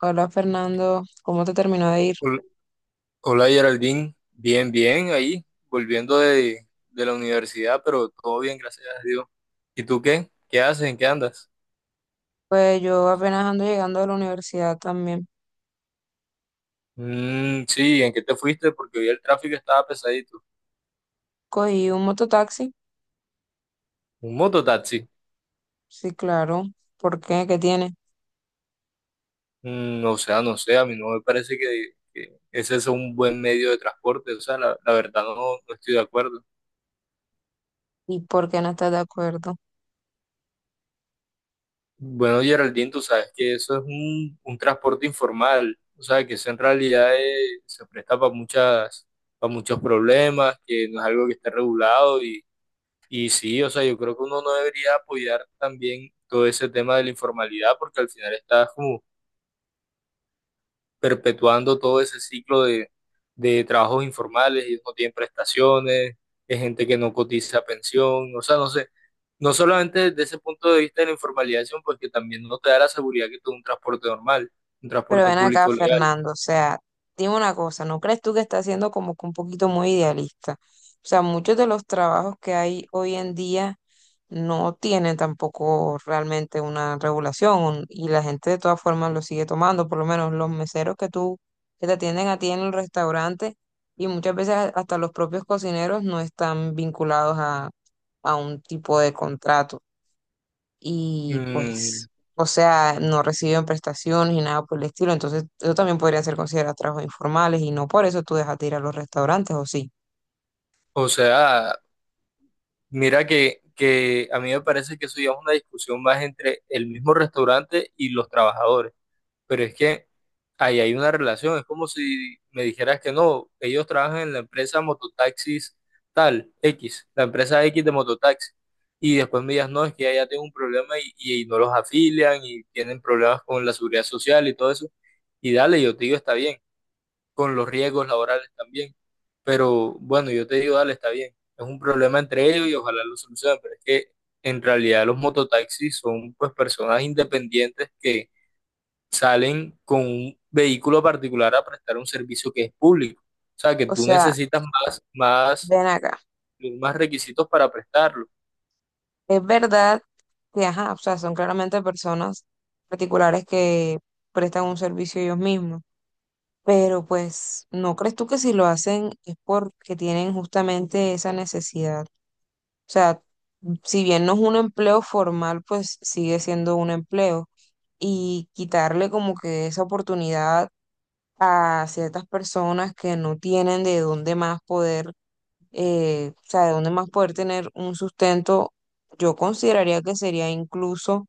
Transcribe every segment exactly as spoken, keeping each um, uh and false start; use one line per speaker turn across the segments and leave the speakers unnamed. Hola Fernando, ¿cómo te terminó de ir?
Hol- Hola Geraldine, bien, bien, ahí, volviendo de, de la universidad, pero todo bien, gracias a Dios. ¿Y tú qué? ¿Qué haces? ¿En qué andas?
Pues yo apenas ando llegando de la universidad también.
Mm, sí, ¿en qué te fuiste? Porque hoy el tráfico estaba pesadito.
Cogí un mototaxi,
¿Un mototaxi?
sí, claro. ¿Por qué? ¿Qué tiene?
Mm, o sea, no sé, a mí no me parece que, que ese es un buen medio de transporte, o sea, la, la verdad no, no estoy de acuerdo.
¿Y por qué no estás de acuerdo?
Bueno, Geraldine, tú sabes que eso es un, un transporte informal, o sea, que eso en realidad eh, se presta para muchas, para muchos problemas, que no es algo que esté regulado y, y sí, o sea, yo creo que uno no debería apoyar también todo ese tema de la informalidad porque al final estás como perpetuando todo ese ciclo de, de trabajos informales, ellos no tienen prestaciones, es gente que no cotiza pensión, o sea, no sé. No solamente desde ese punto de vista de la informalización, porque también no te da la seguridad que tú un transporte normal, un
Pero
transporte
ven acá,
público legal.
Fernando, o sea, dime una cosa, ¿no crees tú que está siendo como que un poquito muy idealista? O sea, muchos de los trabajos que hay hoy en día no tienen tampoco realmente una regulación un- y la gente de todas formas lo sigue tomando, por lo menos los meseros que tú, que te atienden a ti en el restaurante y muchas veces a- hasta los propios cocineros no están vinculados a, a un tipo de contrato y
Mm,
pues, o sea, no reciben prestaciones ni nada por el estilo. Entonces, eso también podría ser considerado trabajos informales y no por eso tú dejas de ir a los restaurantes, ¿o sí?
o sea, mira que, que a mí me parece que eso ya es una discusión más entre el mismo restaurante y los trabajadores. Pero es que ahí hay una relación, es como si me dijeras que no, ellos trabajan en la empresa mototaxis tal, X, la empresa X de mototaxi, y después me digas, no, es que ya tengo un problema y, y, y no los afilian y tienen problemas con la seguridad social y todo eso, y dale, yo te digo, está bien, con los riesgos laborales también, pero bueno, yo te digo, dale, está bien, es un problema entre ellos y ojalá lo solucionen, pero es que en realidad los mototaxis son pues personas independientes que salen con un vehículo particular a prestar un servicio que es público. O sea, que
O
tú
sea,
necesitas más, más,
ven acá.
más requisitos para prestarlo.
Es verdad que, ajá, o sea, son claramente personas particulares que prestan un servicio ellos mismos. Pero pues, ¿no crees tú que si lo hacen es porque tienen justamente esa necesidad? O sea, si bien no es un empleo formal, pues sigue siendo un empleo, y quitarle como que esa oportunidad a ciertas personas que no tienen de dónde más poder, eh, o sea, de dónde más poder tener un sustento, yo consideraría que sería incluso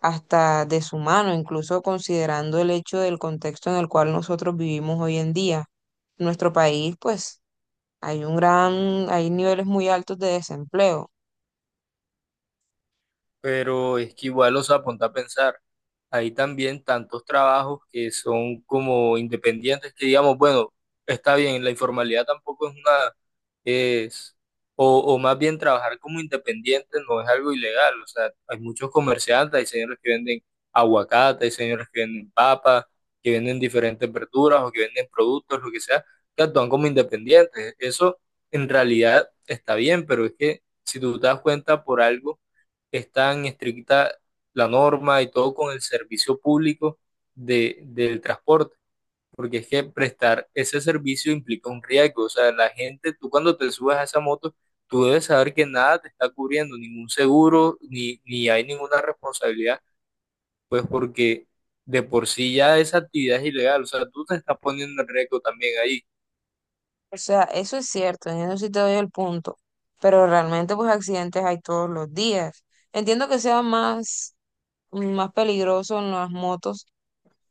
hasta deshumano, incluso considerando el hecho del contexto en el cual nosotros vivimos hoy en día. En nuestro país, pues, hay un gran, hay niveles muy altos de desempleo.
Pero es que igual, o sea, ponte a pensar, Hay también tantos trabajos que son como independientes que digamos, bueno, está bien, la informalidad tampoco es una, es, o, o más bien trabajar como independiente no es algo ilegal. O sea, hay muchos comerciantes, hay señores que venden aguacate, hay señores que venden papas, que venden diferentes verduras o que venden productos, lo que sea, que actúan como independientes. Eso en realidad está bien, pero es que si tú te das cuenta por algo están estricta la norma y todo con el servicio público de, del transporte, porque es que prestar ese servicio implica un riesgo. O sea, la gente, tú cuando te subes a esa moto, tú debes saber que nada te está cubriendo, ningún seguro, ni, ni hay ninguna responsabilidad, pues porque de por sí ya esa actividad es ilegal. O sea, tú te estás poniendo en riesgo también ahí.
O sea, eso es cierto, en eso sí te doy el punto, pero realmente pues accidentes hay todos los días. Entiendo que sea más, más peligroso en las motos,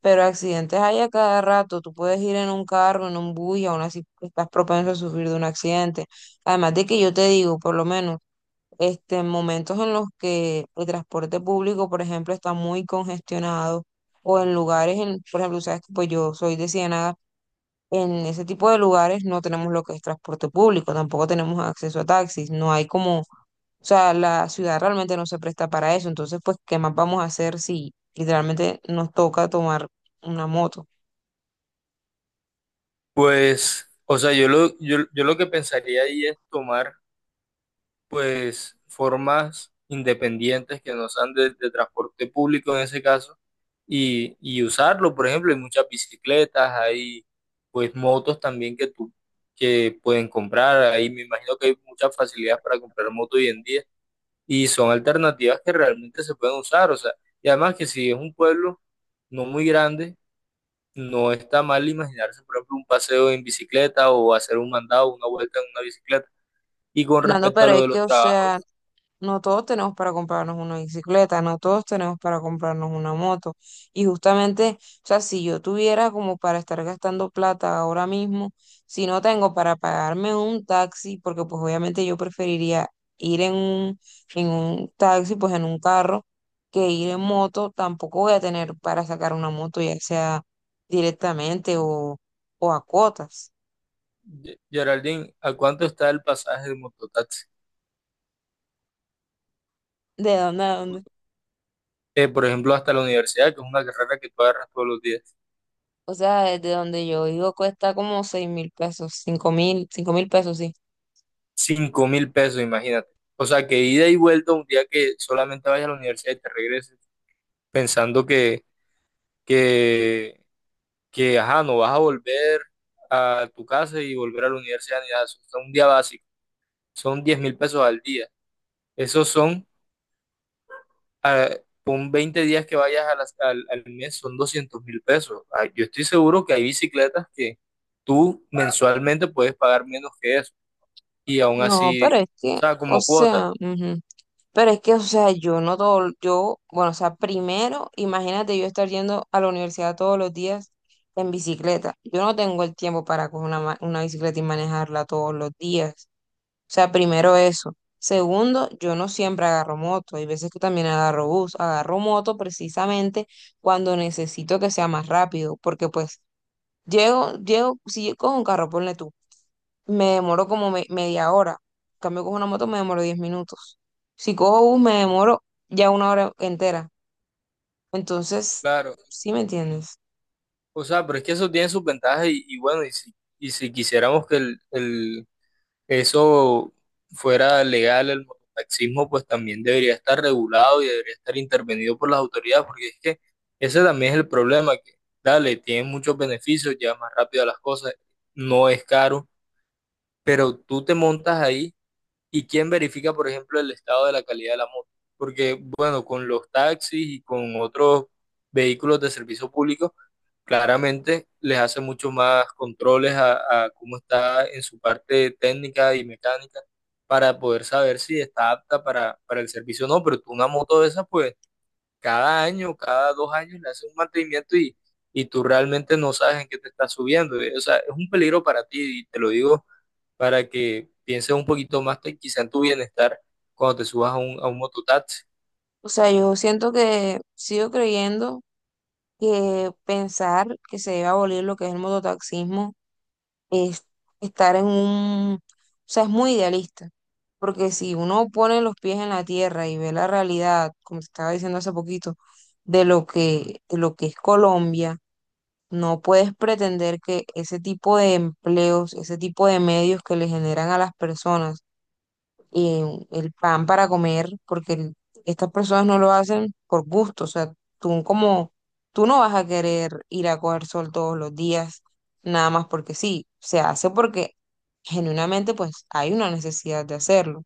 pero accidentes hay a cada rato. Tú puedes ir en un carro, en un bus y aún así estás propenso a sufrir de un accidente. Además de que yo te digo, por lo menos, este, en momentos en los que el transporte público, por ejemplo, está muy congestionado o en lugares, en, por ejemplo, sabes que pues yo soy de Ciénaga. En ese tipo de lugares no tenemos lo que es transporte público, tampoco tenemos acceso a taxis, no hay como, o sea, la ciudad realmente no se presta para eso, entonces pues, ¿qué más vamos a hacer si literalmente nos toca tomar una moto?
Pues, o sea, yo lo, yo, yo lo que pensaría ahí es tomar pues formas independientes que no sean de, de transporte público en ese caso y, y usarlo. Por ejemplo, hay muchas bicicletas, hay pues motos también que tú que pueden comprar. Ahí me imagino que hay muchas facilidades para comprar moto hoy en día y son alternativas que realmente se pueden usar. O sea, y además que si es un pueblo no muy grande, no está mal imaginarse, por ejemplo, un paseo en bicicleta o hacer un mandado, una vuelta en una bicicleta. Y con
Fernando,
respecto a
pero
lo
es
de los
que, o
trabajos,
sea, no todos tenemos para comprarnos una bicicleta, no todos tenemos para comprarnos una moto. Y justamente, o sea, si yo tuviera como para estar gastando plata ahora mismo, si no tengo para pagarme un taxi, porque pues obviamente yo preferiría ir en un, en un taxi, pues en un carro, que ir en moto, tampoco voy a tener para sacar una moto, ya sea directamente o, o a cuotas.
Ye- Geraldine, ¿a cuánto está el pasaje de mototaxi?
¿De dónde a dónde?
Eh, por ejemplo, hasta la universidad, que es una carrera que tú agarras todos los días.
O sea, desde donde yo vivo cuesta como seis mil pesos, cinco mil, cinco mil pesos, sí.
Cinco mil pesos, imagínate. O sea, que ida y vuelta un día que solamente vayas a la universidad y te regreses, pensando que, que, que, ajá, no vas a volver a tu casa y volver a la universidad ni nada. Eso es un día básico. Son diez mil pesos al día. Esos son ah, con veinte días que vayas a las- al, al mes son doscientos mil pesos. Ah, yo estoy seguro que hay bicicletas que tú mensualmente puedes pagar menos que eso y aún
No, pero
así,
es
o
que,
sea,
o
como cuota,
sea, ujú. Pero es que, o sea, yo no todo, yo, bueno, o sea, primero, imagínate yo estar yendo a la universidad todos los días en bicicleta. Yo no tengo el tiempo para coger una, ma- una bicicleta y manejarla todos los días. O sea, primero eso. Segundo, yo no siempre agarro moto. Hay veces que también agarro bus. Agarro moto precisamente cuando necesito que sea más rápido, porque pues llego, llego, si yo cojo un carro, ponle tú, me demoro como me- media hora. En cambio, cojo una moto, me demoro diez minutos. Si cojo bus, me demoro ya una hora entera. Entonces,
claro.
¿sí me entiendes?
O sea, pero es que eso tiene sus ventajas y, y bueno, y si, y si quisiéramos que el, el eso fuera legal, el mototaxismo pues también debería estar regulado y debería estar intervenido por las autoridades, porque es que ese también es el problema, que dale, tiene muchos beneficios, lleva más rápido a las cosas, no es caro, pero tú te montas ahí y quién verifica, por ejemplo, el estado de la calidad de la moto, porque bueno, con los taxis y con otros vehículos de servicio público, claramente les hace mucho más controles a, a cómo está en su parte técnica y mecánica para poder saber si está apta para, para el servicio o no, pero tú una moto de esas, pues cada año, cada dos años le haces un mantenimiento y, y tú realmente no sabes en qué te estás subiendo. O sea, es un peligro para ti y te lo digo para que pienses un poquito más te- quizá en tu bienestar cuando te subas a un, a un mototaxi.
O sea, yo siento que sigo creyendo que pensar que se debe abolir lo que es el mototaxismo es estar en un, o sea, es muy idealista, porque si uno pone los pies en la tierra y ve la realidad, como te estaba diciendo hace poquito, de lo que, de lo que es Colombia, no puedes pretender que ese tipo de empleos, ese tipo de medios que le generan a las personas, eh, el pan para comer, porque el- estas personas no lo hacen por gusto, o sea, tú como, tú no vas a querer ir a coger sol todos los días, nada más porque sí, se hace porque genuinamente pues hay una necesidad de hacerlo.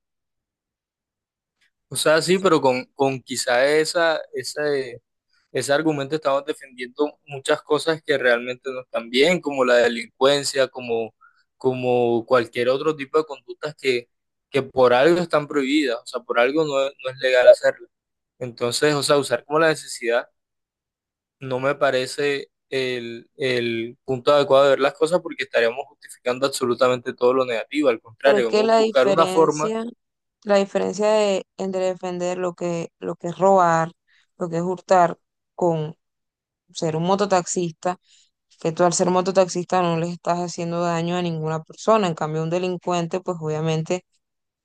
O sea, sí, pero con, con quizá esa, esa, ese argumento estamos defendiendo muchas cosas que realmente no están bien, como la delincuencia, como, como cualquier otro tipo de conductas que, que por algo están prohibidas, o sea, por algo no, no es legal hacerlo. Entonces, o sea, usar como la necesidad no me parece el, el punto adecuado de ver las cosas porque estaríamos justificando absolutamente todo lo negativo, al
Pero es
contrario,
que
vamos a
la
buscar una forma.
diferencia, la diferencia de, entre defender lo que, lo que es robar, lo que es hurtar, con ser un mototaxista, que tú al ser mototaxista no le estás haciendo daño a ninguna persona, en cambio un delincuente pues obviamente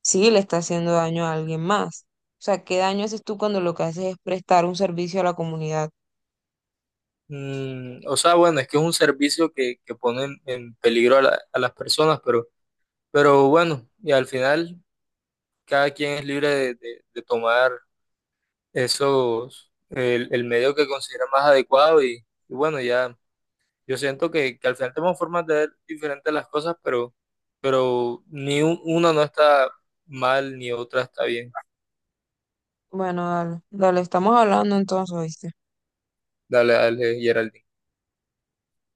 sí le está haciendo daño a alguien más. O sea, ¿qué daño haces tú cuando lo que haces es prestar un servicio a la comunidad?
Mm, o sea, bueno, es que es un servicio que, que pone en peligro a la- a las personas, pero Pero bueno, y al final cada quien es libre de, de- de tomar esos, el, el medio que considera más adecuado y, y bueno, ya yo siento que, que al final tenemos formas de ver diferentes las cosas, pero, pero ni un- una no está mal ni otra está bien.
Bueno, dale, dale, estamos hablando entonces, ¿oíste?
Dale, dale, Geraldine.